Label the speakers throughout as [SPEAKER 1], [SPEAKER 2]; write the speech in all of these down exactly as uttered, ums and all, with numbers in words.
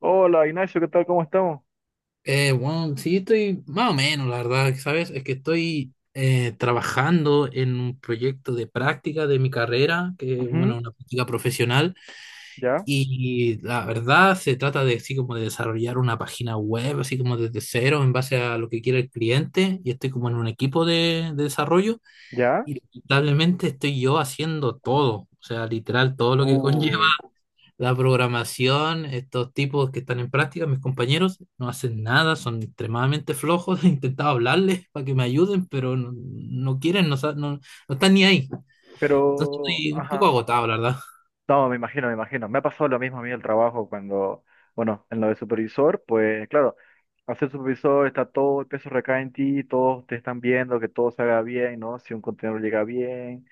[SPEAKER 1] Hola Ignacio, ¿qué tal? ¿Cómo estamos?
[SPEAKER 2] Eh, bueno, sí, estoy más o menos, la verdad, ¿sabes? Es que estoy eh, trabajando en un proyecto de práctica de mi carrera, que bueno,
[SPEAKER 1] Ujú.
[SPEAKER 2] una práctica profesional,
[SPEAKER 1] ¿Ya?
[SPEAKER 2] y la verdad se trata de así como de desarrollar una página web, así como desde cero, en base a lo que quiere el cliente, y estoy como en un equipo de, de desarrollo,
[SPEAKER 1] ¿Ya?
[SPEAKER 2] y lamentablemente estoy yo haciendo todo, o sea, literal, todo lo que conlleva.
[SPEAKER 1] Uy,
[SPEAKER 2] La programación, estos tipos que están en práctica, mis compañeros, no hacen nada, son extremadamente flojos. He intentado hablarles para que me ayuden, pero no, no quieren, no, sa- no, no están ni ahí. Entonces
[SPEAKER 1] pero,
[SPEAKER 2] estoy un poco
[SPEAKER 1] ajá.
[SPEAKER 2] agotado, la verdad.
[SPEAKER 1] No, me imagino, me imagino. Me ha pasado lo mismo a mí en el trabajo cuando, bueno, en lo de supervisor, pues claro, al ser supervisor está todo, el peso recae en ti, todos te están viendo que todo se haga bien, ¿no? Si un contenedor llega bien,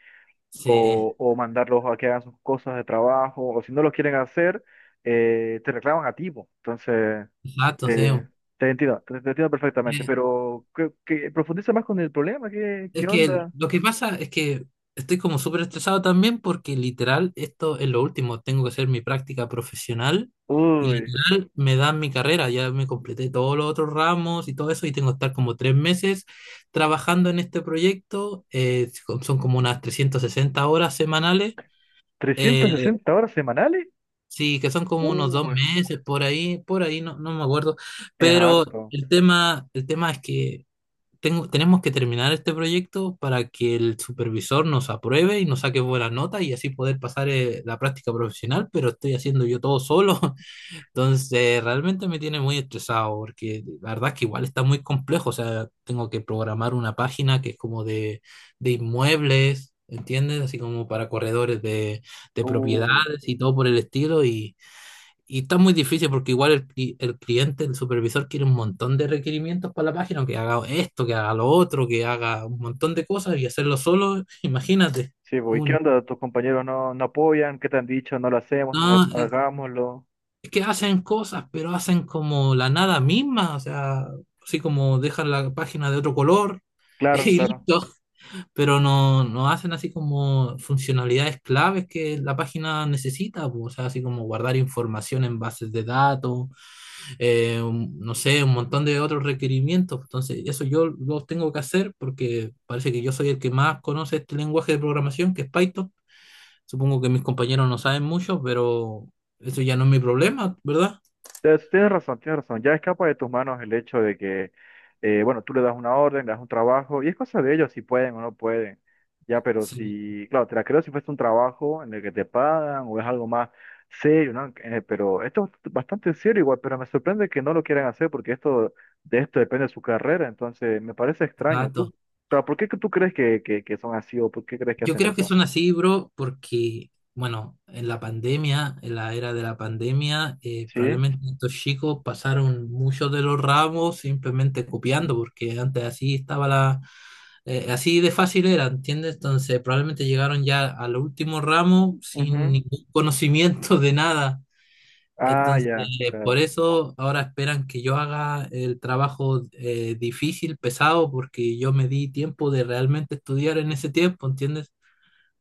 [SPEAKER 2] Sí,
[SPEAKER 1] o, o mandarlos a que hagan sus cosas de trabajo, o si no lo quieren hacer, eh, te reclaman a ti, po. Entonces...
[SPEAKER 2] exacto, sí.
[SPEAKER 1] Eh, te entiendo, te, te entiendo perfectamente,
[SPEAKER 2] Eh,
[SPEAKER 1] pero que, que profundiza más con el problema, ¿qué, qué
[SPEAKER 2] Es que el-
[SPEAKER 1] onda?
[SPEAKER 2] lo que pasa es que estoy como súper estresado también porque literal esto es lo último. Tengo que hacer mi práctica profesional y
[SPEAKER 1] Uy.
[SPEAKER 2] literal me dan mi carrera. Ya me completé todos los otros ramos y todo eso y tengo que estar como tres meses trabajando en este proyecto. eh, son son como unas trescientas sesenta horas semanales. eh,
[SPEAKER 1] ¿Trescientas sesenta horas semanales?
[SPEAKER 2] sí, que son como unos dos
[SPEAKER 1] Uy,
[SPEAKER 2] meses por ahí, por ahí, no, no me acuerdo.
[SPEAKER 1] es
[SPEAKER 2] Pero
[SPEAKER 1] harto.
[SPEAKER 2] el tema, el tema es que tengo, tenemos que terminar este proyecto para que el supervisor nos apruebe y nos saque buena nota y así poder pasar eh, la práctica profesional, pero estoy haciendo yo todo solo. Entonces, realmente me tiene muy estresado porque la verdad es que igual está muy complejo. O sea, tengo que programar una página que es como de, de inmuebles, ¿entiendes? Así como para corredores de, de
[SPEAKER 1] Uy,
[SPEAKER 2] propiedades y todo por el estilo y... Y está muy difícil porque igual el, cli- el cliente, el supervisor quiere un montón de requerimientos para la página, que haga esto, que haga lo otro, que haga un montón de cosas y hacerlo solo, imagínate.
[SPEAKER 1] sí, pues, ¿y qué
[SPEAKER 2] Un-
[SPEAKER 1] onda? ¿Tus compañeros no, no apoyan? ¿Qué te han dicho? No lo hacemos, no lo
[SPEAKER 2] no, eh,
[SPEAKER 1] hagámoslo.
[SPEAKER 2] es que hacen cosas, pero hacen como la nada misma, o sea, así como dejan la página de otro color
[SPEAKER 1] Claro,
[SPEAKER 2] y
[SPEAKER 1] claro.
[SPEAKER 2] listo, pero no, no hacen así como funcionalidades claves que la página necesita, pues, o sea, así como guardar información en bases de datos eh, un- no sé, un montón de otros requerimientos. Entonces, eso yo los tengo que hacer porque parece que yo soy el que más conoce este lenguaje de programación, que es Python. Supongo que mis compañeros no saben mucho, pero eso ya no es mi problema, ¿verdad?
[SPEAKER 1] Tienes tienes razón, tienes razón. Ya escapa de tus manos el hecho de que, eh, bueno, tú le das una orden, le das un trabajo, y es cosa de ellos si pueden o no pueden. Ya, pero
[SPEAKER 2] Sí,
[SPEAKER 1] si, claro, te la creo si fuese un trabajo en el que te pagan o es algo más serio, ¿no? Eh, pero esto es bastante serio igual, pero me sorprende que no lo quieran hacer porque esto, de esto depende de su carrera, entonces me parece extraño. Tú,
[SPEAKER 2] exacto.
[SPEAKER 1] claro, ¿por qué que tú crees que, que, que, son así o por qué crees que
[SPEAKER 2] Yo
[SPEAKER 1] hacen
[SPEAKER 2] creo que
[SPEAKER 1] eso?
[SPEAKER 2] son así, bro, porque, bueno, en la pandemia, en la era de la pandemia, eh,
[SPEAKER 1] ¿Sí?
[SPEAKER 2] probablemente estos chicos pasaron muchos de los ramos simplemente copiando, porque antes así estaba la, eh, así de fácil era, ¿entiendes? Entonces probablemente llegaron ya al último ramo sin
[SPEAKER 1] Ujú.
[SPEAKER 2] ningún conocimiento de nada.
[SPEAKER 1] Ah,
[SPEAKER 2] Entonces,
[SPEAKER 1] ya,
[SPEAKER 2] por
[SPEAKER 1] claro.
[SPEAKER 2] eso ahora esperan que yo haga el trabajo eh, difícil, pesado, porque yo me di tiempo de realmente estudiar en ese tiempo, ¿entiendes?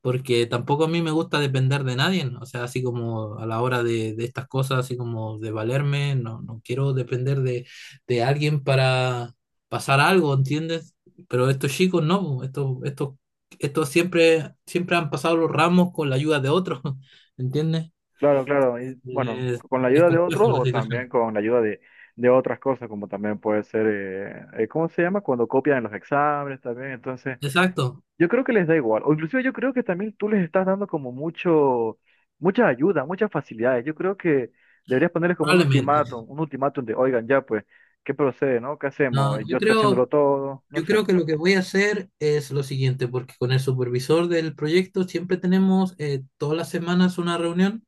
[SPEAKER 2] Porque tampoco a mí me gusta depender de nadie, ¿no? O sea, así como a la hora de, de estas cosas, así como de valerme, no, no quiero depender de, de alguien para pasar algo, ¿entiendes? Pero estos chicos no, po, estos, estos, estos siempre, siempre han pasado los ramos con la ayuda de otros, ¿entiendes?
[SPEAKER 1] Claro, claro. Y bueno,
[SPEAKER 2] Es,
[SPEAKER 1] con la
[SPEAKER 2] es
[SPEAKER 1] ayuda de otros
[SPEAKER 2] complejo la
[SPEAKER 1] o también
[SPEAKER 2] situación.
[SPEAKER 1] con la ayuda de, de otras cosas, como también puede ser, eh, eh, ¿cómo se llama? Cuando copian en los exámenes también. Entonces,
[SPEAKER 2] Exacto,
[SPEAKER 1] yo creo que les da igual. O inclusive yo creo que también tú les estás dando como mucho, mucha ayuda, muchas facilidades. Yo creo que deberías ponerles como un
[SPEAKER 2] probablemente.
[SPEAKER 1] ultimátum, un ultimátum de, oigan, ya pues, ¿qué procede, no? ¿Qué
[SPEAKER 2] No,
[SPEAKER 1] hacemos?
[SPEAKER 2] yo
[SPEAKER 1] Yo estoy
[SPEAKER 2] creo,
[SPEAKER 1] haciéndolo todo, no
[SPEAKER 2] yo
[SPEAKER 1] sé.
[SPEAKER 2] creo que lo que voy a hacer es lo siguiente, porque con el supervisor del proyecto siempre tenemos eh, todas las semanas una reunión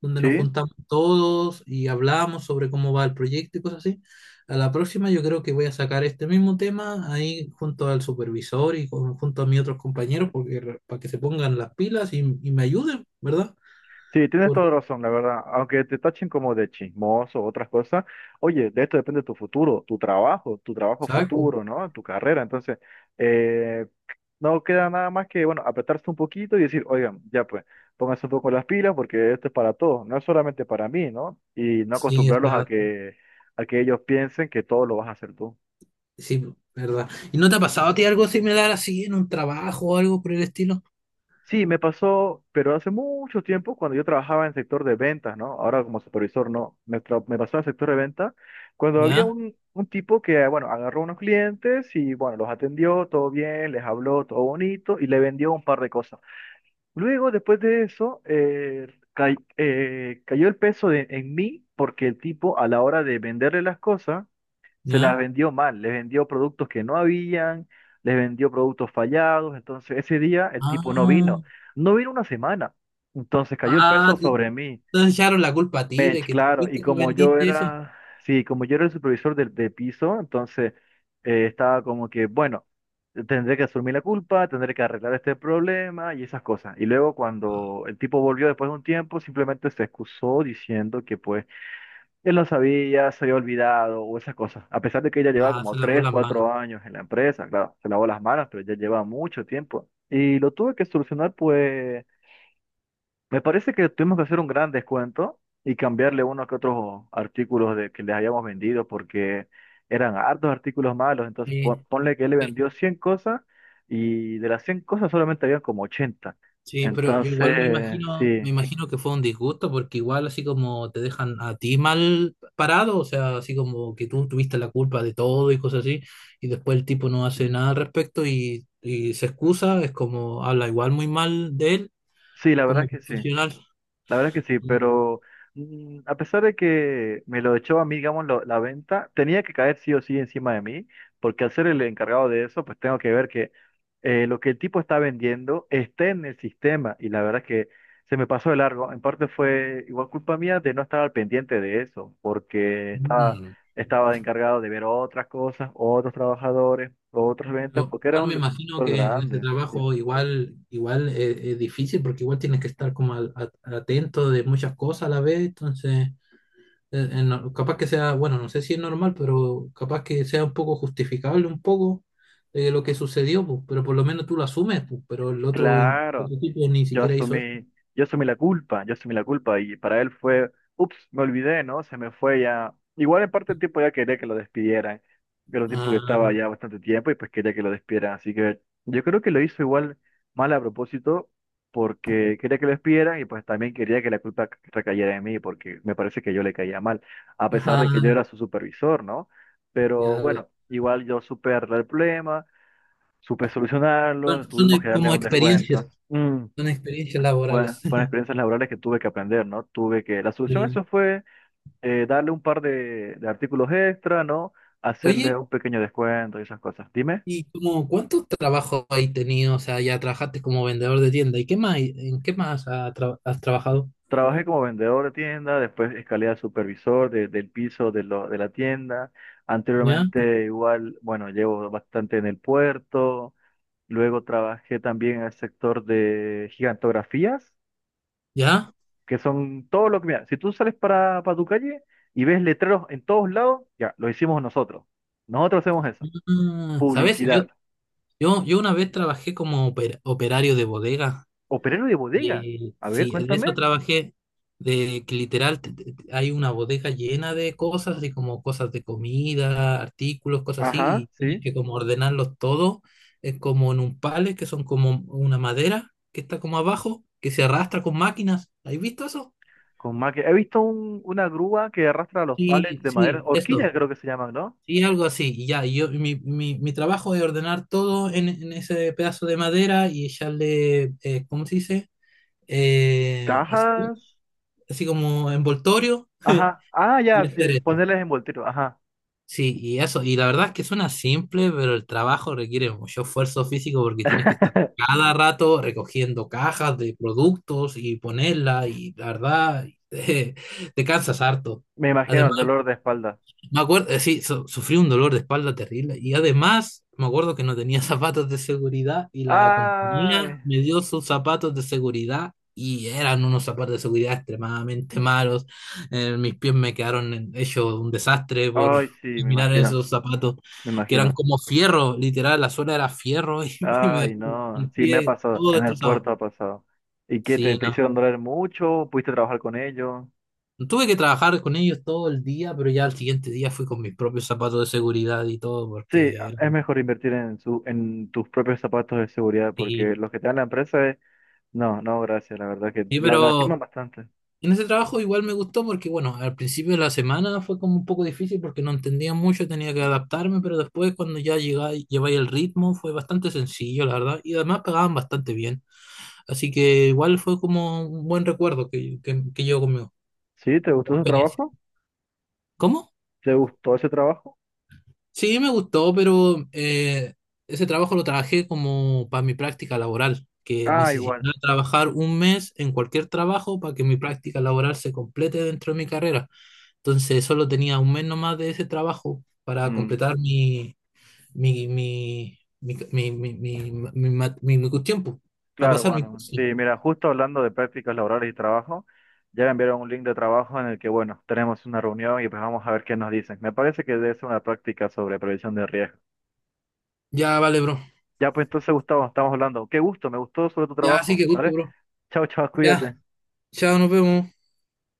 [SPEAKER 2] donde nos
[SPEAKER 1] Sí,
[SPEAKER 2] juntamos todos y hablamos sobre cómo va el proyecto y cosas así. A la próxima yo creo que voy a sacar este mismo tema ahí junto al supervisor y con- junto a mis otros compañeros porque, re- para que se pongan las pilas y, y me ayuden, ¿verdad?
[SPEAKER 1] sí, tienes toda
[SPEAKER 2] Por-
[SPEAKER 1] la razón, la verdad. Aunque te tachen como de chismoso o otras cosas, oye, de esto depende tu futuro, tu trabajo, tu trabajo
[SPEAKER 2] exacto.
[SPEAKER 1] futuro, ¿no? Tu carrera. Entonces, eh, no queda nada más que, bueno, apretarse un poquito y decir, oigan, ya pues, pónganse un poco las pilas porque esto es para todos, no es solamente para mí, ¿no? Y no
[SPEAKER 2] Sí,
[SPEAKER 1] acostumbrarlos a
[SPEAKER 2] está,
[SPEAKER 1] que, a que ellos piensen que todo lo vas a hacer tú.
[SPEAKER 2] sí, ¿verdad? ¿Y no te ha pasado a ti algo similar así en un trabajo o algo por el estilo?
[SPEAKER 1] Sí, me pasó, pero hace mucho tiempo cuando yo trabajaba en el sector de ventas, ¿no? Ahora como supervisor, no. Me, tra- me pasó en el sector de ventas cuando había
[SPEAKER 2] ¿Ya?
[SPEAKER 1] un, un tipo que, bueno, agarró unos clientes y, bueno, los atendió, todo bien, les habló, todo bonito y le vendió un par de cosas. Luego, después de eso, eh, cay- eh, cayó el peso de- en mí porque el tipo a la hora de venderle las cosas, se las
[SPEAKER 2] ¿Ya?
[SPEAKER 1] vendió mal, les vendió productos que no habían, les vendió productos fallados, entonces ese día el tipo no
[SPEAKER 2] Ah,
[SPEAKER 1] vino, no vino una semana, entonces cayó el
[SPEAKER 2] ah,
[SPEAKER 1] peso
[SPEAKER 2] te
[SPEAKER 1] sobre mí.
[SPEAKER 2] te echaron la culpa a ti
[SPEAKER 1] Eh,
[SPEAKER 2] de que tú
[SPEAKER 1] claro, y
[SPEAKER 2] fuiste que
[SPEAKER 1] como yo
[SPEAKER 2] vendiste eso.
[SPEAKER 1] era, sí, como yo era el supervisor del de piso, entonces eh, estaba como que, bueno, tendré que asumir la culpa, tendré que arreglar este problema y esas cosas, y luego cuando el tipo volvió después de un tiempo, simplemente se excusó diciendo que pues él no sabía, se había olvidado o esas cosas. A pesar de que ella lleva
[SPEAKER 2] Ah,
[SPEAKER 1] como
[SPEAKER 2] se lavó
[SPEAKER 1] tres
[SPEAKER 2] las manos.
[SPEAKER 1] cuatro años en la empresa, claro, se lavó las manos, pero ya lleva mucho tiempo. Y lo tuve que solucionar, pues me parece que tuvimos que hacer un gran descuento y cambiarle uno que otros artículos de, que les habíamos vendido porque eran hartos artículos malos. Entonces pon-
[SPEAKER 2] Sí,
[SPEAKER 1] ponle que él le
[SPEAKER 2] sí,
[SPEAKER 1] vendió cien cosas y de las cien cosas solamente habían como ochenta.
[SPEAKER 2] sí, pero yo igual me
[SPEAKER 1] Entonces,
[SPEAKER 2] imagino, me
[SPEAKER 1] sí,
[SPEAKER 2] imagino que fue un disgusto porque igual así como te dejan a ti mal parado, o sea, así como que tú tuviste la culpa de todo y cosas así, y después el tipo no hace nada al respecto y, y se excusa, es como habla igual muy mal de él
[SPEAKER 1] sí, la verdad
[SPEAKER 2] como
[SPEAKER 1] es que sí.
[SPEAKER 2] profesional.
[SPEAKER 1] La verdad que sí, pero mm, a pesar de que me lo echó a mí, digamos, lo- la venta, tenía que caer sí o sí encima de mí, porque al ser el encargado de eso, pues tengo que ver que eh, lo que el tipo está vendiendo esté en el sistema. Y la verdad es que se me pasó de largo. En parte fue igual culpa mía de no estar al pendiente de eso, porque esta-
[SPEAKER 2] Mm,
[SPEAKER 1] estaba de encargado de ver otras cosas, otros trabajadores, otras ventas,
[SPEAKER 2] Pero
[SPEAKER 1] porque era
[SPEAKER 2] igual
[SPEAKER 1] un
[SPEAKER 2] me imagino
[SPEAKER 1] sector
[SPEAKER 2] que en ese
[SPEAKER 1] grande. Sí.
[SPEAKER 2] trabajo igual, igual es, es difícil porque igual tienes que estar como al- a- atento de muchas cosas a la vez, entonces eh, eh, no- capaz que sea, bueno, no sé si es normal, pero capaz que sea un poco justificable un poco de lo que sucedió, pues, pero por lo menos tú lo asumes, pues, pero el otro, in- el
[SPEAKER 1] Claro.
[SPEAKER 2] otro tipo ni
[SPEAKER 1] Yo
[SPEAKER 2] siquiera hizo eso.
[SPEAKER 1] asumí, yo asumí la culpa, yo asumí la culpa y para él fue, ups, me olvidé, ¿no? Se me fue ya. Igual en parte el tipo ya quería que lo despidieran, pero el tiempo que estaba
[SPEAKER 2] Ah,
[SPEAKER 1] ya bastante tiempo y pues quería que lo despidieran. Así que yo creo que lo hizo igual mal a propósito porque quería que lo despidieran y pues también quería que la culpa c- recayera en mí porque me parece que yo le caía mal, a pesar de que yo
[SPEAKER 2] ajá,
[SPEAKER 1] era su supervisor, ¿no? Pero
[SPEAKER 2] ya lo-
[SPEAKER 1] bueno, igual yo supe arreglar el problema, supe solucionarlo,
[SPEAKER 2] son, son
[SPEAKER 1] tuvimos que darle
[SPEAKER 2] como
[SPEAKER 1] un descuento.
[SPEAKER 2] experiencias,
[SPEAKER 1] Mm,
[SPEAKER 2] son experiencias
[SPEAKER 1] bueno,
[SPEAKER 2] laborales.
[SPEAKER 1] fueron experiencias laborales que tuve que aprender, ¿no? Tuve que, la solución a
[SPEAKER 2] Sí.
[SPEAKER 1] eso fue eh, darle un par de, de artículos extra, ¿no? Hacerle
[SPEAKER 2] Oye,
[SPEAKER 1] un pequeño descuento y esas cosas. Dime,
[SPEAKER 2] ¿y como cuántos trabajos has tenido? O sea, ya trabajaste como vendedor de tienda. ¿Y qué más? ¿En qué más ha tra- has trabajado?
[SPEAKER 1] trabajé como vendedor de tienda, después escalé a supervisor de- del piso de, lo- de la tienda.
[SPEAKER 2] ¿Ya?
[SPEAKER 1] Anteriormente igual, bueno, llevo bastante en el puerto. Luego trabajé también en el sector de gigantografías.
[SPEAKER 2] ¿Ya?
[SPEAKER 1] Que son todo lo que, mira, si tú sales para, para tu calle y ves letreros en todos lados, ya, lo hicimos nosotros. Nosotros hacemos eso.
[SPEAKER 2] Ah, ¿sabes? Yo,
[SPEAKER 1] Publicidad.
[SPEAKER 2] yo, yo una vez trabajé como oper- operario de bodega.
[SPEAKER 1] Operario de bodega.
[SPEAKER 2] Y eh,
[SPEAKER 1] A ver,
[SPEAKER 2] sí, de eso
[SPEAKER 1] cuéntame.
[SPEAKER 2] trabajé, de que literal te- te- te- hay una bodega llena de cosas, así como cosas de comida, artículos, cosas así,
[SPEAKER 1] Ajá,
[SPEAKER 2] y tienes
[SPEAKER 1] sí.
[SPEAKER 2] que como ordenarlos todo, es como en un pallet, que son como una madera que está como abajo, que se arrastra con máquinas. ¿Has visto eso?
[SPEAKER 1] Con más que- He visto un- una grúa que arrastra los palets
[SPEAKER 2] Sí,
[SPEAKER 1] de madera,
[SPEAKER 2] sí,
[SPEAKER 1] horquillas
[SPEAKER 2] eso.
[SPEAKER 1] creo que se llaman, ¿no?
[SPEAKER 2] Sí, algo así. Y ya, y yo, mi, mi, mi trabajo es ordenar todo en, en ese pedazo de madera y echarle, eh, ¿cómo se dice? Eh,
[SPEAKER 1] Cajas.
[SPEAKER 2] Así como envoltorio
[SPEAKER 1] Ajá. Ah, ya,
[SPEAKER 2] y hacer
[SPEAKER 1] sí,
[SPEAKER 2] eso.
[SPEAKER 1] ponerles envoltorio. Ajá.
[SPEAKER 2] Sí, y eso, y la verdad es que suena simple, pero el trabajo requiere mucho esfuerzo físico porque tienes que estar cada rato recogiendo cajas de productos y ponerla, y la verdad, te, te cansas harto.
[SPEAKER 1] Me imagino el dolor de espalda.
[SPEAKER 2] Me acuerdo, eh, sí, su- sufrí un dolor de espalda terrible y además me acuerdo que no tenía zapatos de seguridad y la compañía
[SPEAKER 1] Ay,
[SPEAKER 2] me dio sus zapatos de seguridad y eran unos zapatos de seguridad extremadamente malos. Eh, mis pies me quedaron en- hechos un desastre por
[SPEAKER 1] ay, sí, me
[SPEAKER 2] mirar
[SPEAKER 1] imagino,
[SPEAKER 2] esos zapatos
[SPEAKER 1] me
[SPEAKER 2] que eran
[SPEAKER 1] imagino.
[SPEAKER 2] como fierro, literal, la suela era fierro y me, me
[SPEAKER 1] Ay,
[SPEAKER 2] dejó
[SPEAKER 1] no,
[SPEAKER 2] el
[SPEAKER 1] sí me ha
[SPEAKER 2] pie
[SPEAKER 1] pasado,
[SPEAKER 2] todo
[SPEAKER 1] en el puerto
[SPEAKER 2] destrozado.
[SPEAKER 1] ha pasado. ¿Y qué te,
[SPEAKER 2] Sí,
[SPEAKER 1] te
[SPEAKER 2] no.
[SPEAKER 1] hicieron doler mucho? ¿Pudiste trabajar con ellos?
[SPEAKER 2] Tuve que trabajar con ellos todo el día, pero ya al siguiente día fui con mis propios zapatos de seguridad y todo,
[SPEAKER 1] Sí,
[SPEAKER 2] porque
[SPEAKER 1] es mejor invertir en su, en tus propios zapatos de seguridad,
[SPEAKER 2] sí,
[SPEAKER 1] porque los que te dan la empresa es, no, no, gracias, la verdad que
[SPEAKER 2] sí,
[SPEAKER 1] la lastiman
[SPEAKER 2] pero
[SPEAKER 1] bastante.
[SPEAKER 2] en ese trabajo igual me gustó porque, bueno, al principio de la semana fue como un poco difícil porque no entendía mucho, tenía que adaptarme, pero después cuando ya llegáis, lleváis el ritmo fue bastante sencillo, la verdad, y además pagaban bastante bien. Así que igual fue como un buen recuerdo que, que, que llevo conmigo,
[SPEAKER 1] ¿Sí? ¿Te gustó
[SPEAKER 2] como
[SPEAKER 1] ese
[SPEAKER 2] experiencia.
[SPEAKER 1] trabajo?
[SPEAKER 2] ¿Cómo?
[SPEAKER 1] ¿Te gustó ese trabajo?
[SPEAKER 2] Sí, me gustó, pero eh, ese trabajo lo trabajé como para mi práctica laboral, que
[SPEAKER 1] Ah, igual.
[SPEAKER 2] necesitaba trabajar un mes en cualquier trabajo para que mi práctica laboral se complete dentro de mi carrera. Entonces solo tenía un mes nomás de ese trabajo para
[SPEAKER 1] Mm,
[SPEAKER 2] completar mi, mi, mi, mi, mi, mi, mi, mi ma- mi- mi cuestión, pues, para
[SPEAKER 1] claro,
[SPEAKER 2] pasar mi
[SPEAKER 1] bueno.
[SPEAKER 2] curso.
[SPEAKER 1] Sí, mira, justo hablando de prácticas laborales y trabajo, ya me enviaron un link de trabajo en el que, bueno, tenemos una reunión y pues vamos a ver qué nos dicen. Me parece que debe ser una práctica sobre prevención de riesgo.
[SPEAKER 2] Ya, vale, bro.
[SPEAKER 1] Ya, pues entonces, Gustavo, estamos hablando. Qué gusto, me gustó sobre tu
[SPEAKER 2] Ya, así
[SPEAKER 1] trabajo.
[SPEAKER 2] que gusto,
[SPEAKER 1] ¿Vale?
[SPEAKER 2] bro.
[SPEAKER 1] Chao, chao,
[SPEAKER 2] Ya,
[SPEAKER 1] cuídate.
[SPEAKER 2] chao, nos vemos.